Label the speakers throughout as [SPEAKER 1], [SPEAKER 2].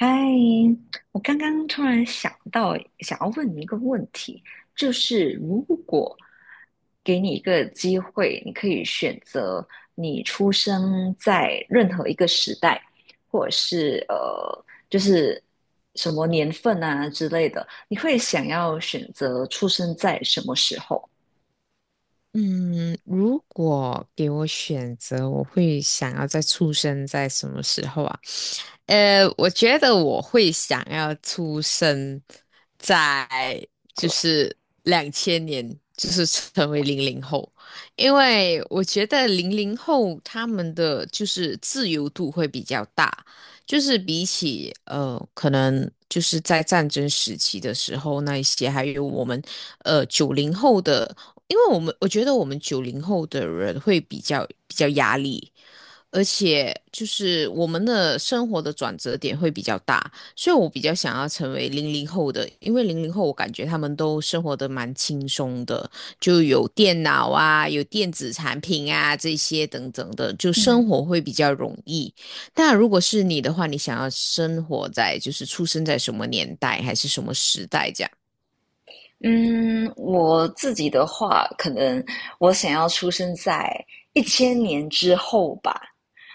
[SPEAKER 1] 嗨，我刚刚突然想到，想要问你一个问题，就是如果给你一个机会，你可以选择你出生在任何一个时代，或者是就是什么年份啊之类的，你会想要选择出生在什么时候？
[SPEAKER 2] 嗯，如果给我选择，我会想要再出生在什么时候啊？我觉得我会想要出生在就是2000年，就是成为零零后。因为我觉得零零后他们的就是自由度会比较大，就是比起可能就是在战争时期的时候那一些，还有我们九零后的。因为我们我觉得我们九零后的人会比较压力。而且就是我们的生活的转折点会比较大，所以我比较想要成为零零后的，因为零零后我感觉他们都生活的蛮轻松的，就有电脑啊，有电子产品啊这些等等的，就生
[SPEAKER 1] 嗯
[SPEAKER 2] 活会比较容易。但如果是你的话，你想要生活在就是出生在什么年代还是什么时代这样？
[SPEAKER 1] 嗯，我自己的话，可能我想要出生在一千年之后吧。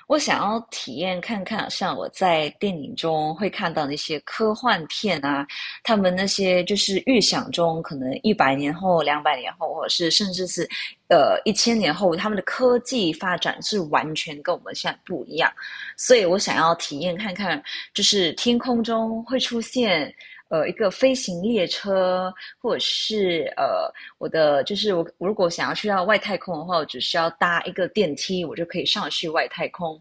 [SPEAKER 1] 我想要体验看看，像我在电影中会看到那些科幻片啊，他们那些就是预想中可能一百年后、200年后，或者是甚至是1000年后，他们的科技发展是完全跟我们现在不一样。所以我想要体验看看，就是天空中会出现一个飞行列车，或者是呃我的就是我我如果想要去到外太空的话，我只需要搭一个电梯，我就可以上去外太空。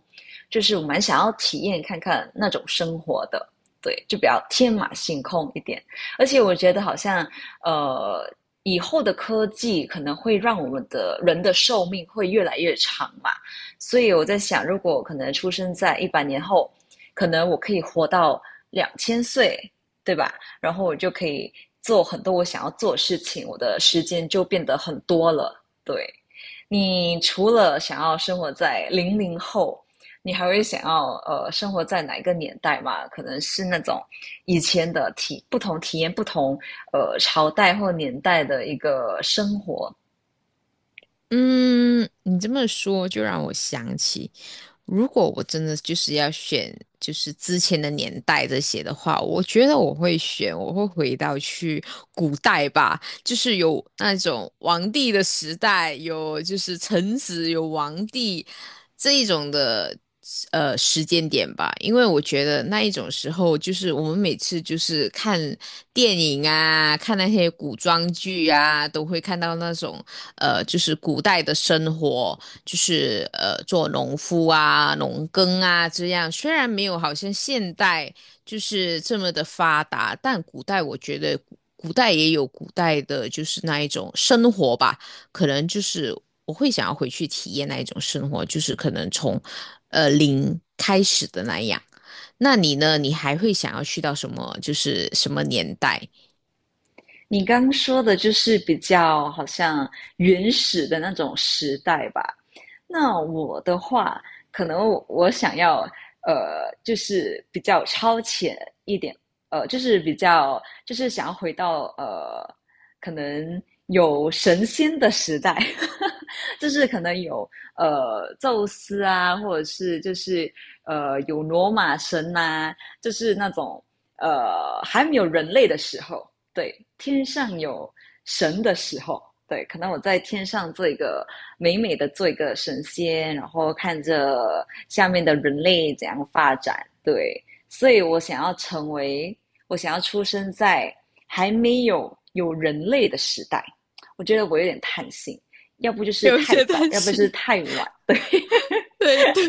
[SPEAKER 1] 就是我蛮想要体验看看那种生活的，对，就比较天马行空一点。而且我觉得好像呃以后的科技可能会让我们的人的寿命会越来越长嘛，所以我在想，如果可能出生在一百年后，可能我可以活到2000岁，对吧？然后我就可以做很多我想要做的事情，我的时间就变得很多了。对，你除了想要生活在零零后，你还会想要生活在哪一个年代嘛？可能是那种以前的体验不同朝代或年代的一个生活。
[SPEAKER 2] 嗯，你这么说就让我想起，如果我真的就是要选，就是之前的年代这些的话，我觉得我会选，我会回到去古代吧。就是有那种王帝的时代，有就是臣子，有王帝这一种的时间点吧。因为我觉得那一种时候，就是我们每次就是看电影啊，看那些古装剧啊，都会看到那种就是古代的生活，就是做农夫啊、农耕啊这样。虽然没有好像现代。就是这么的发达，但古代我觉得古代也有古代的，就是那一种生活吧，可能就是我会想要回去体验那一种生活，就是可能从零开始的那样。那你呢？你还会想要去到什么？就是什么年代？
[SPEAKER 1] 你刚说的就是比较好像原始的那种时代吧。那我的话，可能我想要就是比较超前一点，就是比较就是想要回到可能有神仙的时代，就是可能有宙斯啊，或者是就是有罗马神呐、啊就是那种还没有人类的时候。对，天上有神的时候，对，可能我在天上做一个美美的做一个神仙，然后看着下面的人类怎样发展，对，所以我想要成为，我想要出生在还没有有人类的时代，我觉得我有点贪心，要不就是
[SPEAKER 2] 有
[SPEAKER 1] 太
[SPEAKER 2] 些
[SPEAKER 1] 早，
[SPEAKER 2] 担
[SPEAKER 1] 要不就是
[SPEAKER 2] 心。
[SPEAKER 1] 太晚，
[SPEAKER 2] 对对，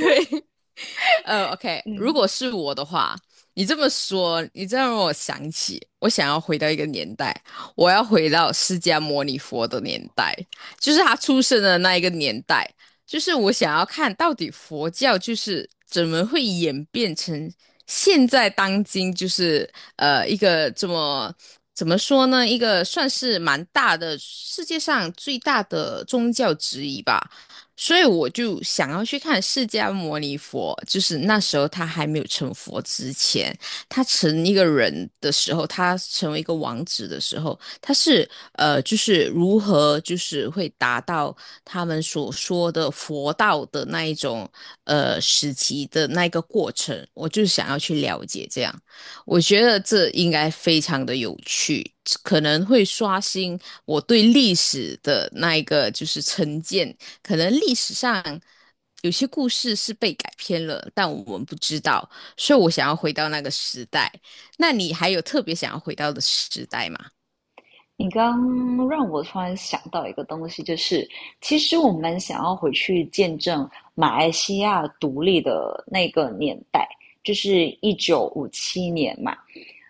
[SPEAKER 2] OK，如
[SPEAKER 1] 嗯。
[SPEAKER 2] 果是我的话，你这么说，你这样让我想起，我想要回到一个年代，我要回到释迦牟尼佛的年代，就是他出生的那一个年代，就是我想要看到底佛教就是怎么会演变成现在当今就是一个这么。怎么说呢？一个算是蛮大的，世界上最大的宗教之一吧。所以我就想要去看释迦牟尼佛，就是那时候他还没有成佛之前，他成一个人的时候，他成为一个王子的时候，他是就是如何就是会达到他们所说的佛道的那一种时期的那一个过程，我就想要去了解这样，我觉得这应该非常的有趣。可能会刷新我对历史的那一个就是成见，可能历史上有些故事是被改编了，但我们不知道，所以我想要回到那个时代。那你还有特别想要回到的时代吗？
[SPEAKER 1] 你刚让我突然想到一个东西，就是其实我们想要回去见证马来西亚独立的那个年代，就是1957年嘛。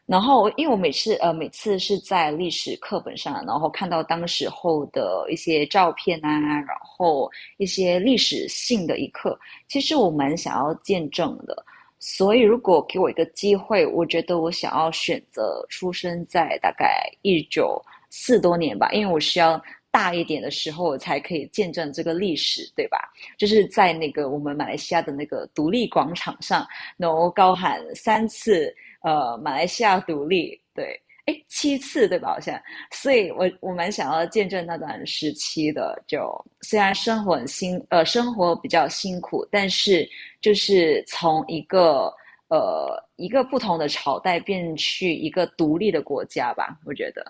[SPEAKER 1] 然后，因为我每次是在历史课本上，然后看到当时候的一些照片啊，然后一些历史性的一刻，其实我蛮想要见证的。所以，如果给我一个机会，我觉得我想要选择出生在大概一九四多年吧，因为我需要大一点的时候，我才可以见证这个历史，对吧？就是在那个我们马来西亚的那个独立广场上，然后高喊3次马来西亚独立，对，哎，7次对吧？好像，所以我蛮想要见证那段时期的。就虽然生活比较辛苦，但是就是从一个一个不同的朝代变去一个独立的国家吧，我觉得。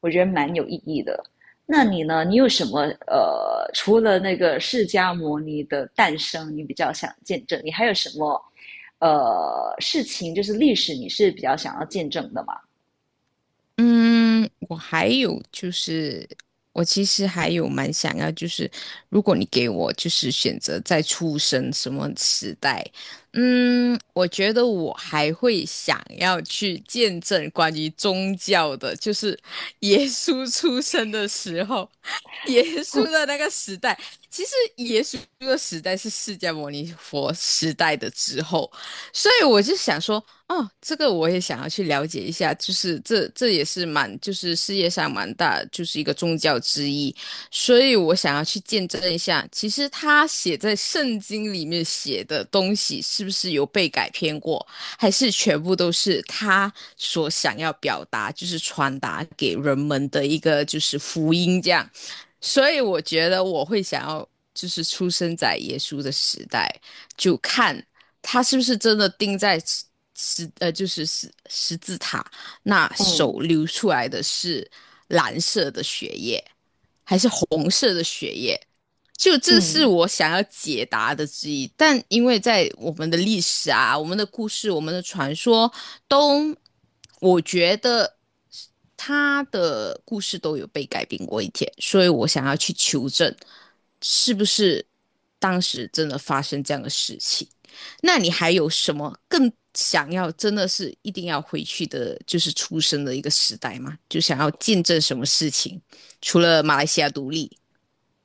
[SPEAKER 1] 我觉得蛮有意义的。那你呢？你有什么除了那个释迦牟尼的诞生，你比较想见证？你还有什么事情，就是历史你是比较想要见证的吗？
[SPEAKER 2] 嗯，我还有就是，我其实还有蛮想要，就是如果你给我就是选择再出生什么时代。嗯，我觉得我还会想要去见证关于宗教的，就是 耶稣出生的时候，耶稣的那个时代。其实耶稣的时代是释迦牟尼佛时代的之后，所以我就想说。哦，这个我也想要去了解一下，就是这这也是蛮，就是世界上蛮大，就是一个宗教之一，所以我想要去见证一下，其实他写在圣经里面写的东西是不是有被改编过，还是全部都是他所想要表达，就是传达给人们的一个就是福音这样，所以我觉得我会想要就是出生在耶稣的时代。就看，他是不是真的钉在十就是十字塔那手
[SPEAKER 1] 嗯
[SPEAKER 2] 流出来的是蓝色的血液，还是红色的血液？就这是
[SPEAKER 1] 嗯，
[SPEAKER 2] 我想要解答的之一，但因为在我们的历史啊、我们的故事、我们的传说都，我觉得他的故事都有被改编过一天，所以我想要去求证，是不是当时真的发生这样的事情。那你还有什么更想要真的是一定要回去的，就是出生的一个时代吗？就想要见证什么事情？除了马来西亚独立，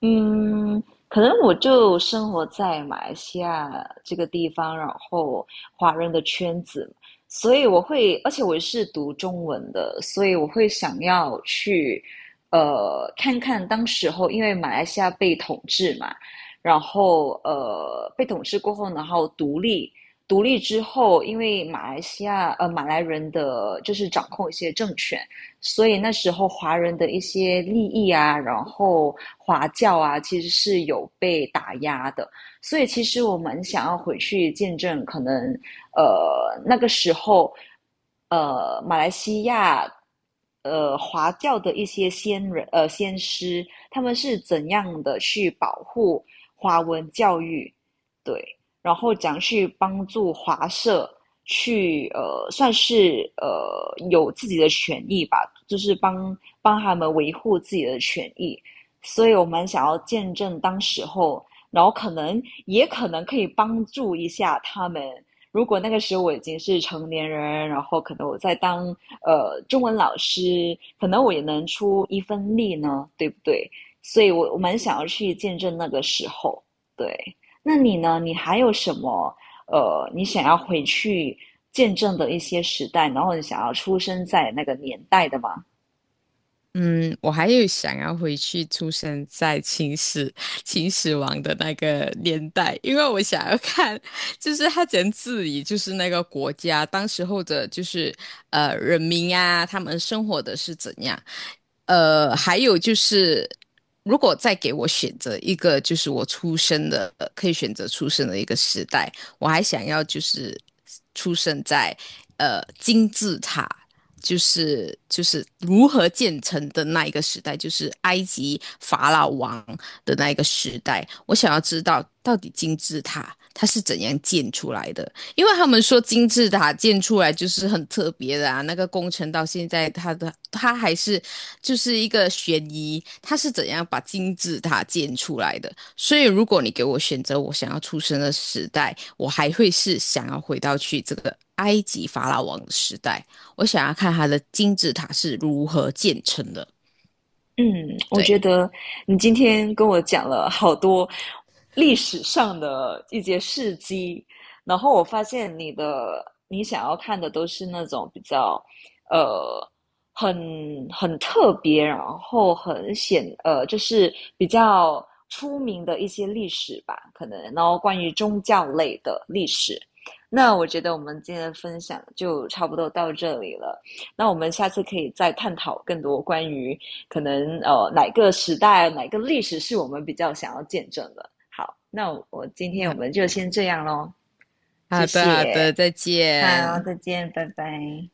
[SPEAKER 1] 嗯，可能我就生活在马来西亚这个地方，然后华人的圈子，所以我会，而且我是读中文的，所以我会想要去，看看当时候，因为马来西亚被统治嘛，然后被统治过后，然后独立，独立之后，因为马来西亚马来人的就是掌控一些政权。所以那时候华人的一些利益啊，然后华教啊，其实是有被打压的。所以其实我们想要回去见证，可能那个时候，马来西亚华教的一些先师，他们是怎样的去保护华文教育，对，然后怎样去帮助华社。去算是有自己的权益吧，就是帮他们维护自己的权益。所以我们想要见证当时候，然后可能也可能可以帮助一下他们。如果那个时候我已经是成年人，然后可能我在当中文老师，可能我也能出一份力呢，对不对？所以我蛮想要去见证那个时候。对，那你呢？你还有什么你想要回去见证的一些时代，然后你想要出生在那个年代的嘛。
[SPEAKER 2] 嗯，我还有想要回去出生在秦始皇的那个年代，因为我想要看，就是他怎样治理，就是那个国家，当时候的，就是人民啊，他们生活的是怎样。还有就是，如果再给我选择一个，就是我出生的，可以选择出生的一个时代，我还想要就是出生在金字塔。就是就是如何建成的那一个时代，就是埃及法老王的那一个时代。我想要知道到底金字塔它是怎样建出来的，因为他们说金字塔建出来就是很特别的啊。那个工程到现在，它还是就是一个悬疑，它是怎样把金字塔建出来的？所以如果你给我选择，我想要出生的时代，我还会是想要回到去这个埃及法老王的时代。我想要看它的金字塔是如何建成的。
[SPEAKER 1] 嗯，我觉
[SPEAKER 2] 对，
[SPEAKER 1] 得你今天跟我讲了好多历史上的一些事迹，然后我发现你想要看的都是那种比较呃很很特别，然后就是比较出名的一些历史吧，可能然后关于宗教类的历史。那我觉得我们今天的分享就差不多到这里了。那我们下次可以再探讨更多关于可能哪个时代、哪个历史是我们比较想要见证的。好，那我今天我
[SPEAKER 2] 那
[SPEAKER 1] 们就先这样喽，谢
[SPEAKER 2] 好的好
[SPEAKER 1] 谢，
[SPEAKER 2] 的，再
[SPEAKER 1] 好，
[SPEAKER 2] 见。
[SPEAKER 1] 再见，拜拜。